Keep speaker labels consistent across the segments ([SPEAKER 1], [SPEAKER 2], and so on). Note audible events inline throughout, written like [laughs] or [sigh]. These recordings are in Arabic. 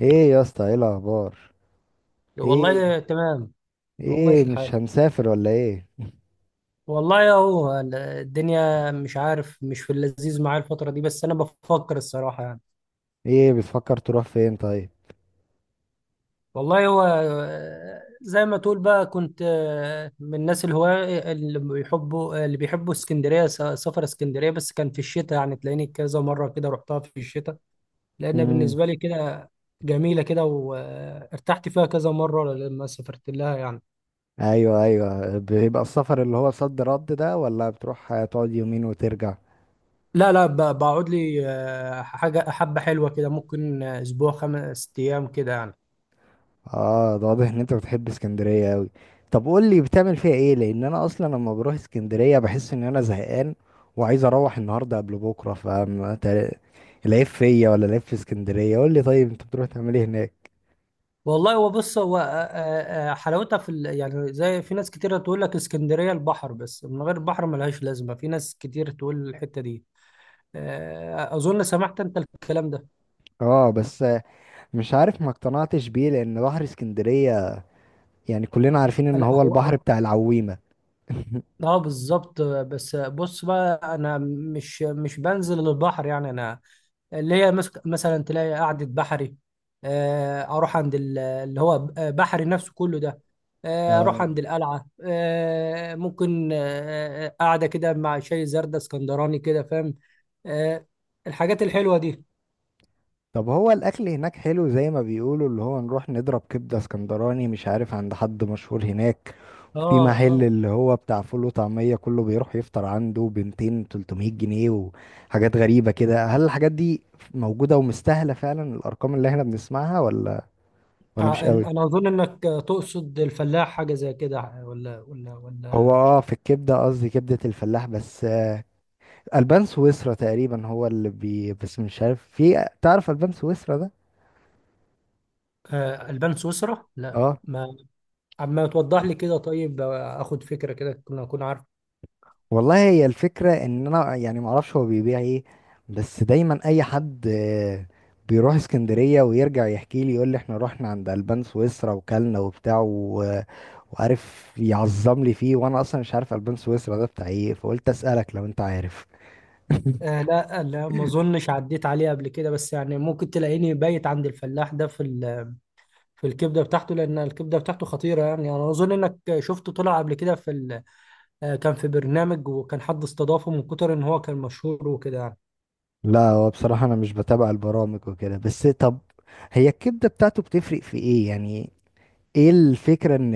[SPEAKER 1] ايه يا اسطى، ايه الاخبار؟ ايه؟
[SPEAKER 2] والله تمام. هو
[SPEAKER 1] ايه،
[SPEAKER 2] ماشي
[SPEAKER 1] مش
[SPEAKER 2] الحال،
[SPEAKER 1] هنسافر ولا ايه؟
[SPEAKER 2] والله اهو. الدنيا مش عارف، مش في اللذيذ معايا الفترة دي، بس انا بفكر الصراحة يعني.
[SPEAKER 1] ايه بتفكر تروح فين طيب؟
[SPEAKER 2] والله هو، زي ما تقول بقى، كنت من الناس الهواة اللي بيحبوا اسكندرية، سفر اسكندرية، بس كان في الشتاء يعني. تلاقيني كذا مرة كده رحتها في الشتاء، لأن
[SPEAKER 1] امم.
[SPEAKER 2] بالنسبة لي كده جميلة كده، وارتحت فيها كذا مرة لما سافرت لها يعني.
[SPEAKER 1] ايوه ايوه، بيبقى السفر اللي هو صد رد ده، ولا بتروح تقعد يومين وترجع؟
[SPEAKER 2] لا، لا، بقعد لي حاجة حبة حلوة كده، ممكن أسبوع 5 أيام كده يعني.
[SPEAKER 1] اه، ده واضح ان انت بتحب اسكندريه قوي. طب قول لي بتعمل فيها ايه، لان انا اصلا لما بروح اسكندريه بحس ان انا زهقان وعايز اروح النهارده قبل بكره، فاهم؟ العيب فيا ولا العيب في اسكندريه؟ قول لي طيب، انت بتروح تعمل ايه هناك؟
[SPEAKER 2] والله هو، بص، هو حلاوتها يعني، زي في ناس كتيرة تقول لك اسكندرية البحر بس، من غير البحر ملهاش لازمة، في ناس كتير تقول الحتة دي. أظن سمعت أنت الكلام ده.
[SPEAKER 1] اه بس مش عارف، ما اقتنعتش بيه، لان بحر اسكندرية يعني كلنا عارفين ان
[SPEAKER 2] لا،
[SPEAKER 1] هو البحر
[SPEAKER 2] هو.
[SPEAKER 1] بتاع العويمة. [laughs]
[SPEAKER 2] اه، بالظبط. بس بص بقى، انا مش بنزل البحر يعني، انا اللي هي مثلا تلاقي قعدة بحري. اروح عند اللي هو بحري نفسه كله ده. اروح
[SPEAKER 1] آه.
[SPEAKER 2] عند القلعة، ممكن قاعدة كده مع شاي زردة اسكندراني كده، فاهم؟ آه، الحاجات الحلوة دي.
[SPEAKER 1] طب هو الاكل هناك حلو زي ما بيقولوا اللي هو نروح نضرب كبدة اسكندراني؟ مش عارف عند حد مشهور هناك
[SPEAKER 2] اه،
[SPEAKER 1] في محل
[SPEAKER 2] اه.
[SPEAKER 1] اللي هو بتاع فول وطعمية، كله بيروح يفطر عنده بنتين 300 جنيه وحاجات غريبة كده. هل الحاجات دي موجودة ومستاهلة فعلا الارقام اللي احنا بنسمعها ولا مش قوي؟
[SPEAKER 2] انا اظن انك تقصد الفلاح، حاجة زي كده، ولا ولا
[SPEAKER 1] هو
[SPEAKER 2] ولا
[SPEAKER 1] اه في الكبدة، قصدي كبدة الفلاح بس. البان سويسرا تقريبا هو اللي بي، بس مش عارف، في تعرف البان سويسرا ده؟
[SPEAKER 2] البان سويسرا، لا
[SPEAKER 1] اه.
[SPEAKER 2] ما، اما توضح لي كده. طيب، اخد فكرة كده، كنا اكون عارف.
[SPEAKER 1] والله هي الفكره ان انا يعني ما اعرفش هو بيبيع ايه، بس دايما اي حد بيروح اسكندريه ويرجع يحكي لي يقول لي احنا رحنا عند البان سويسرا وكلنا وبتاع وعارف يعظم لي فيه، وانا اصلا مش عارف البان سويسرا ده بتاع ايه، فقلت اسالك لو انت عارف. [laughs]
[SPEAKER 2] لا، لا ما اظنش عديت عليه قبل كده، بس يعني ممكن تلاقيني بايت عند الفلاح ده في الكبدة بتاعته، لان الكبدة بتاعته خطيرة يعني. يعني انا اظن انك شفته طلع قبل كده كان في برنامج، وكان حد استضافه من كتر ان هو كان مشهور وكده يعني.
[SPEAKER 1] لا هو بصراحه انا مش بتابع البرامج وكده، بس طب هي الكبده بتاعته بتفرق في ايه يعني؟ ايه الفكرة ان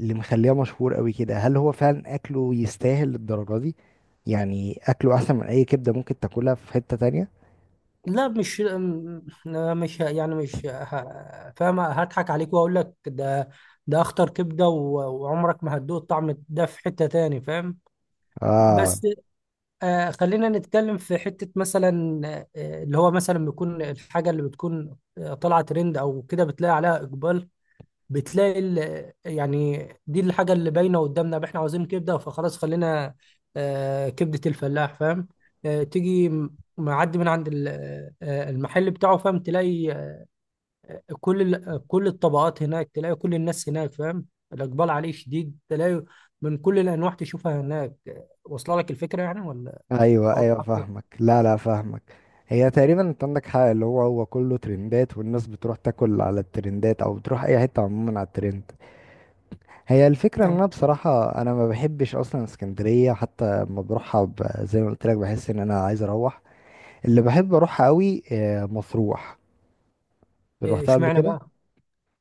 [SPEAKER 1] اللي مخليه مشهور قوي كده؟ هل هو فعلا اكله يستاهل للدرجة دي؟ يعني اكله احسن من اي كبدة ممكن تاكلها في حتة تانية؟
[SPEAKER 2] لا، مش م- لا، مش ه- يعني مش ه- فاهم؟ هضحك عليك واقول لك ده؟ ده اخطر كبدة، وعمرك ما هتدوق الطعم ده في حتة تاني، فاهم؟
[SPEAKER 1] اه.
[SPEAKER 2] بس، خلينا نتكلم في حتة مثلا. اللي هو مثلا بيكون الحاجة اللي بتكون طالعة ترند أو كده، بتلاقي عليها إقبال. يعني دي الحاجة اللي باينة قدامنا، إحنا عاوزين كبدة، فخلاص خلينا كبدة الفلاح، فاهم؟ تيجي معدي من عند المحل بتاعه، فاهم، تلاقي كل كل الطبقات هناك، تلاقي كل الناس هناك، فاهم؟ الإقبال عليه شديد، تلاقي من كل الأنواع تشوفها هناك، واصلة لك الفكرة يعني، ولا
[SPEAKER 1] ايوه
[SPEAKER 2] أوضح
[SPEAKER 1] ايوه
[SPEAKER 2] أكتر؟
[SPEAKER 1] فاهمك، لا لا فاهمك. هي تقريبا انت عندك حق، اللي هو كله ترندات، والناس بتروح تاكل على الترندات او بتروح اي حتة عموما على الترند. هي الفكرة ان انا بصراحة ما بحبش اصلا اسكندرية، حتى لما بروحها زي ما قلت لك بحس ان انا عايز اروح. اللي بحب اروحها قوي مطروح،
[SPEAKER 2] إيه،
[SPEAKER 1] روحتها قبل
[SPEAKER 2] اشمعنى
[SPEAKER 1] كده.
[SPEAKER 2] بقى؟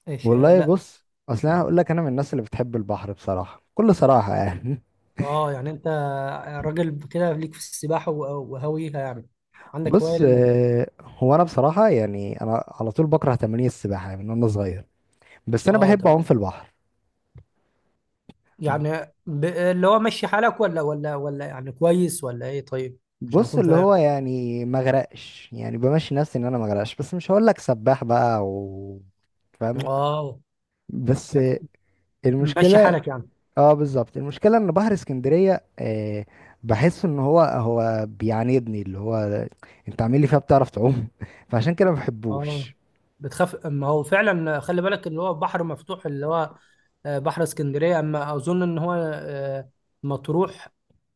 [SPEAKER 2] ايش؟
[SPEAKER 1] والله
[SPEAKER 2] لا.
[SPEAKER 1] بص، اصل انا هقول لك، انا من الناس اللي بتحب البحر بصراحه، بكل صراحه يعني.
[SPEAKER 2] اه، يعني انت راجل كده ليك في السباحه وهاويها يعني؟
[SPEAKER 1] [laughs]
[SPEAKER 2] عندك هوايه
[SPEAKER 1] بص
[SPEAKER 2] لل...
[SPEAKER 1] هو انا بصراحه يعني انا على طول بكره تمارين السباحه من وانا صغير، بس انا
[SPEAKER 2] اه،
[SPEAKER 1] بحب اعوم
[SPEAKER 2] تمام.
[SPEAKER 1] في البحر.
[SPEAKER 2] يعني اللي هو ماشي حالك، ولا يعني كويس ولا ايه، طيب؟ عشان
[SPEAKER 1] بص
[SPEAKER 2] اكون
[SPEAKER 1] اللي
[SPEAKER 2] فاهم.
[SPEAKER 1] هو يعني ما اغرقش، يعني بمشي نفسي ان انا ما اغرقش، بس مش هقول لك سباح بقى، و فاهم.
[SPEAKER 2] اه،
[SPEAKER 1] بس
[SPEAKER 2] يعني ماشي
[SPEAKER 1] المشكله،
[SPEAKER 2] حالك يعني.
[SPEAKER 1] اه بالظبط، المشكله ان بحر اسكندريه آه بحس ان هو بيعاندني، اللي هو انت عامل لي فيها بتعرف تعوم. [laughs] فعشان كده ما
[SPEAKER 2] اه،
[SPEAKER 1] بحبوش.
[SPEAKER 2] بتخاف. ما هو فعلا خلي بالك، اللي هو بحر مفتوح، اللي هو بحر اسكندريه، اما اظن ان هو مطروح،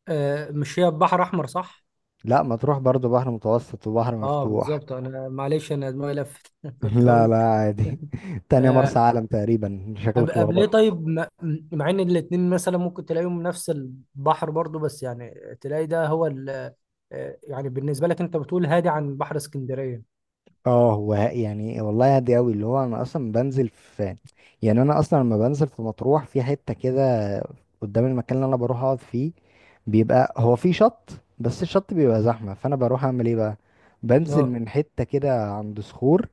[SPEAKER 2] مش هي بحر احمر، صح؟
[SPEAKER 1] لا ما تروح، برضو بحر متوسط وبحر
[SPEAKER 2] اه،
[SPEAKER 1] مفتوح.
[SPEAKER 2] بالظبط. انا معلش، انا دماغي لفت [laughs]
[SPEAKER 1] [laughs]
[SPEAKER 2] كنت
[SPEAKER 1] لا
[SPEAKER 2] هقول.
[SPEAKER 1] لا عادي. [laughs] تانية مرسى
[SPEAKER 2] آه،
[SPEAKER 1] علم تقريبا، شكلك
[SPEAKER 2] قبل ليه،
[SPEAKER 1] لخبط.
[SPEAKER 2] طيب؟ مع ان الاتنين مثلا ممكن تلاقيهم نفس البحر برضو، بس يعني تلاقي ده هو يعني بالنسبه لك انت بتقول هادي عن بحر اسكندريه؟
[SPEAKER 1] اه هو يعني والله هادي قوي، اللي هو انا اصلا بنزل في، يعني انا اصلا لما بنزل في مطروح في حتة كده قدام المكان اللي انا بروح اقعد فيه، بيبقى هو في شط، بس الشط بيبقى زحمة، فانا بروح اعمل ايه بقى؟ بنزل
[SPEAKER 2] اه،
[SPEAKER 1] من حتة كده عند صخور.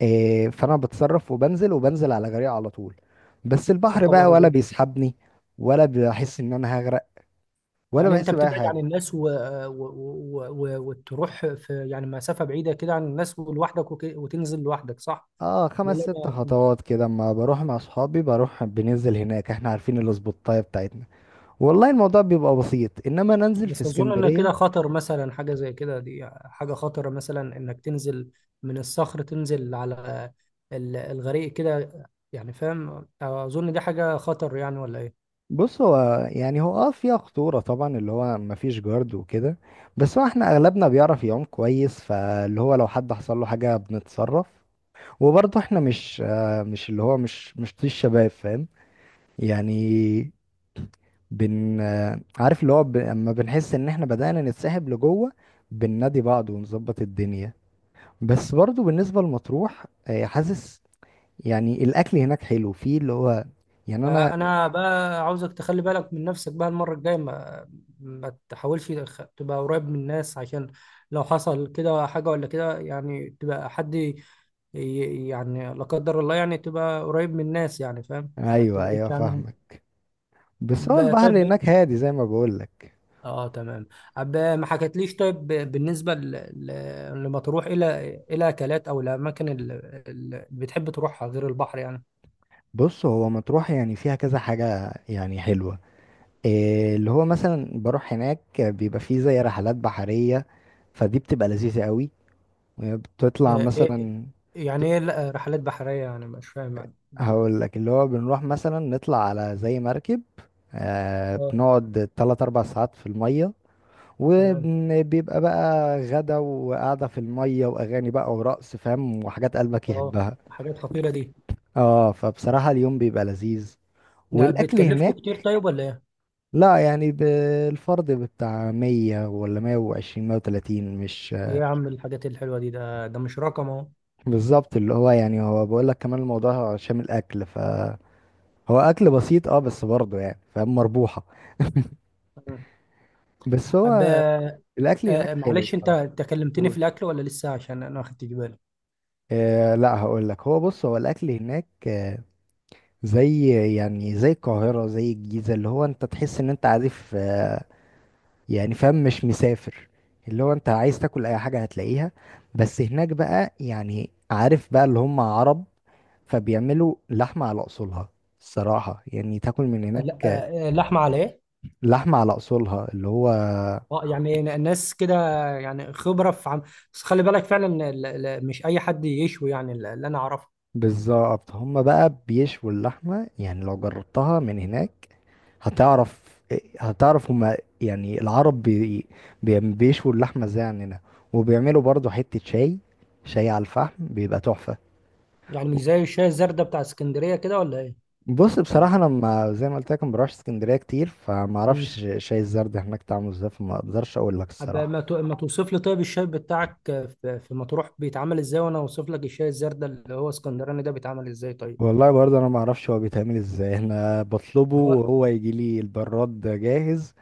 [SPEAKER 1] إيه، فانا بتصرف وبنزل على جريء على طول، بس
[SPEAKER 2] يا
[SPEAKER 1] البحر بقى
[SPEAKER 2] خبر
[SPEAKER 1] ولا
[SPEAKER 2] ابيض!
[SPEAKER 1] بيسحبني، ولا بحس ان انا هغرق، ولا
[SPEAKER 2] يعني انت
[SPEAKER 1] بحس بأي
[SPEAKER 2] بتبعد عن
[SPEAKER 1] حاجة.
[SPEAKER 2] الناس، وتروح في يعني مسافه بعيده كده عن الناس ولوحدك، وتنزل لوحدك، صح؟
[SPEAKER 1] اه،
[SPEAKER 2] لا،
[SPEAKER 1] خمس
[SPEAKER 2] لا،
[SPEAKER 1] ست
[SPEAKER 2] لا.
[SPEAKER 1] خطوات كده، اما بروح مع اصحابي بروح بننزل هناك، احنا عارفين الاسبوتاية بتاعتنا. والله الموضوع بيبقى بسيط، انما ننزل في
[SPEAKER 2] بس اظن ان
[SPEAKER 1] اسكندرية.
[SPEAKER 2] كده خطر، مثلا حاجه زي كده، دي حاجه خطره، مثلا انك تنزل من الصخر تنزل على الغريق كده، يعني فاهم، اظن دي حاجه خطر يعني، ولا ايه؟
[SPEAKER 1] بص هو يعني هو اه فيها خطورة طبعا، اللي هو مفيش جارد وكده، بس هو احنا اغلبنا بيعرف يعوم كويس، فاللي هو لو حد حصل له حاجة بنتصرف. وبرضه احنا مش اللي هو مش طيش شباب، فاهم؟ يعني بن عارف اللي هو اما بنحس ان احنا بدأنا نتسحب لجوه بننادي بعض ونظبط الدنيا. بس برضو بالنسبة لمطروح حاسس يعني الاكل هناك حلو، فيه اللي هو يعني انا.
[SPEAKER 2] انا بقى عاوزك تخلي بالك من نفسك بقى المره الجايه، ما تحاولش تبقى قريب من الناس، عشان لو حصل كده حاجه ولا كده يعني، تبقى حد يعني لا قدر الله، يعني تبقى قريب من الناس يعني، فاهم، ما
[SPEAKER 1] ايوه ايوه
[SPEAKER 2] تبعدش عنهم.
[SPEAKER 1] فاهمك. بس هو البحر
[SPEAKER 2] طيب،
[SPEAKER 1] هناك هادي زي ما بقولك.
[SPEAKER 2] اه، تمام. عب، ما حكتليش. طيب، بالنسبه لمطروح، الى اكلات او الاماكن اللي بتحب تروحها غير البحر يعني؟
[SPEAKER 1] بص هو مطروح يعني فيها كذا حاجة يعني حلوة. اللي هو مثلا بروح هناك بيبقى فيه زي رحلات بحرية، فدي بتبقى لذيذة قوي. بتطلع
[SPEAKER 2] آه إيه...
[SPEAKER 1] مثلا،
[SPEAKER 2] يعني ايه؟ لا، رحلات بحريه، يعني مش فاهم يعني،
[SPEAKER 1] هقول لك اللي هو بنروح مثلا نطلع على زي مركب، آه
[SPEAKER 2] اه،
[SPEAKER 1] بنقعد تلات أربع ساعات في المية،
[SPEAKER 2] تمام.
[SPEAKER 1] وبيبقى بقى غدا وقعدة في المية وأغاني بقى ورقص فاهم، وحاجات قلبك
[SPEAKER 2] اه،
[SPEAKER 1] يحبها.
[SPEAKER 2] حاجات خطيره دي،
[SPEAKER 1] اه، فبصراحة اليوم بيبقى لذيذ،
[SPEAKER 2] ده
[SPEAKER 1] والأكل
[SPEAKER 2] بتكلفكم كتير
[SPEAKER 1] هناك،
[SPEAKER 2] طيب، ولا ايه؟
[SPEAKER 1] لا يعني بالفرد بتاع مية ولا مية وعشرين مية وتلاتين، مش.
[SPEAKER 2] ايه يا عم، الحاجات الحلوه دي، ده مش رقم اهو.
[SPEAKER 1] بالظبط اللي هو يعني هو بقول لك كمان الموضوع شامل أكل، فهو أكل بسيط اه، بس برضه يعني فاهم مربوحة.
[SPEAKER 2] تمام.
[SPEAKER 1] [laughs] بس
[SPEAKER 2] عب،
[SPEAKER 1] هو الاكل هناك حلو
[SPEAKER 2] معلش، انت
[SPEAKER 1] الصراحه.
[SPEAKER 2] انت كلمتني
[SPEAKER 1] هو-
[SPEAKER 2] في الاكل ولا لسه؟ عشان انا ما خدتش بالي.
[SPEAKER 1] آه لا هقول لك، هو بص هو الاكل هناك آه زي يعني زي القاهره زي الجيزه، اللي هو انت تحس ان انت عارف آه يعني فاهم مش مسافر، اللي هو انت عايز تاكل اي حاجه هتلاقيها، بس هناك بقى يعني عارف بقى اللي هم عرب، فبيعملوا لحمه على اصولها. الصراحه يعني تاكل من هناك
[SPEAKER 2] لا، لحمه على ايه؟
[SPEAKER 1] لحمه على اصولها اللي هو.
[SPEAKER 2] اه، يعني ناس كده، يعني خبرة في بس خلي بالك فعلا، مش أي حد يشوي يعني، اللي أنا أعرفه.
[SPEAKER 1] بالظبط، هم بقى بيشووا اللحمه، يعني لو جربتها من هناك هتعرف. هتعرف هما يعني العرب بيشووا اللحمة ازاي عننا، وبيعملوا برضو حتة شاي، شاي على الفحم بيبقى تحفة.
[SPEAKER 2] يعني مش زي الشاي الزردة بتاع اسكندرية كده، ولا إيه؟
[SPEAKER 1] بص
[SPEAKER 2] ولا.
[SPEAKER 1] بصراحة أنا ما زي ما قلت لك ما بروحش اسكندرية كتير، فما
[SPEAKER 2] مم.
[SPEAKER 1] أعرفش شاي الزرد هناك طعمه ازاي، فما أقدرش أقول لك
[SPEAKER 2] طب،
[SPEAKER 1] الصراحة.
[SPEAKER 2] ما توصف لي طيب الشاي بتاعك في مطروح بيتعمل إزاي، وأنا أوصف لك الشاي الزردة اللي هو اسكندراني ده بيتعمل إزاي، طيب؟
[SPEAKER 1] والله برضه أنا ما أعرفش هو بيتعمل ازاي، أنا بطلبه
[SPEAKER 2] هو،
[SPEAKER 1] وهو يجي لي البراد جاهز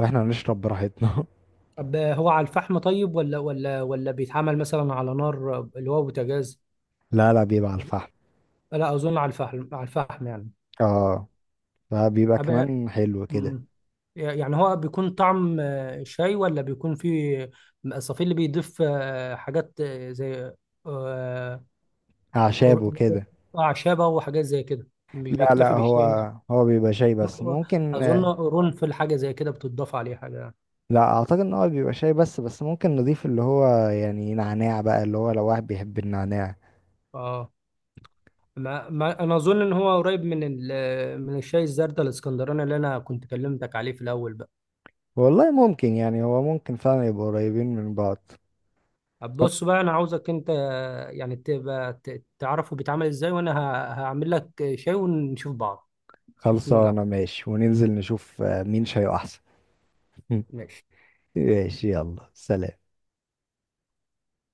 [SPEAKER 1] وإحنا نشرب براحتنا.
[SPEAKER 2] طب هو على الفحم طيب، ولا بيتعمل مثلا على نار اللي هو بوتاجاز؟
[SPEAKER 1] [laughs] لا لا بيبقى على الفحم.
[SPEAKER 2] لا، أظن على الفحم، على الفحم،
[SPEAKER 1] اه فبيبقى
[SPEAKER 2] يعني.
[SPEAKER 1] كمان حلو كده.
[SPEAKER 2] مم. يعني هو بيكون طعم شاي، ولا بيكون فيه الصفي اللي بيضيف حاجات زي آه،
[SPEAKER 1] أعشابه
[SPEAKER 2] أر-
[SPEAKER 1] كده.
[SPEAKER 2] أعشابة وحاجات زي كده، مش
[SPEAKER 1] لا لا
[SPEAKER 2] بيكتفي
[SPEAKER 1] هو
[SPEAKER 2] بالشاي نفسه؟
[SPEAKER 1] هو بيبقى شاي بس ممكن.
[SPEAKER 2] أظن قرنفل، حاجة زي كده بتضاف عليه حاجة يعني.
[SPEAKER 1] لا اعتقد ان هو بيبقى شاي بس، بس ممكن نضيف اللي هو يعني نعناع بقى، اللي هو لو واحد بيحب النعناع.
[SPEAKER 2] اه، ما أنا أظن إن هو قريب من الشاي الزردة الإسكندراني اللي أنا كنت كلمتك عليه في الأول بقى.
[SPEAKER 1] والله ممكن، يعني هو ممكن فعلا يبقوا قريبين من بعض.
[SPEAKER 2] طب
[SPEAKER 1] طب
[SPEAKER 2] بص بقى، أنا عاوزك أنت يعني تبقى تعرفه بيتعمل إزاي، وأنا هعمل لك شاي ونشوف بعض، شوف مين اللي عصب.
[SPEAKER 1] خلصانة، ماشي، وننزل نشوف مين شاي احسن.
[SPEAKER 2] ماشي.
[SPEAKER 1] [laughs] ماشي، يلا سلام.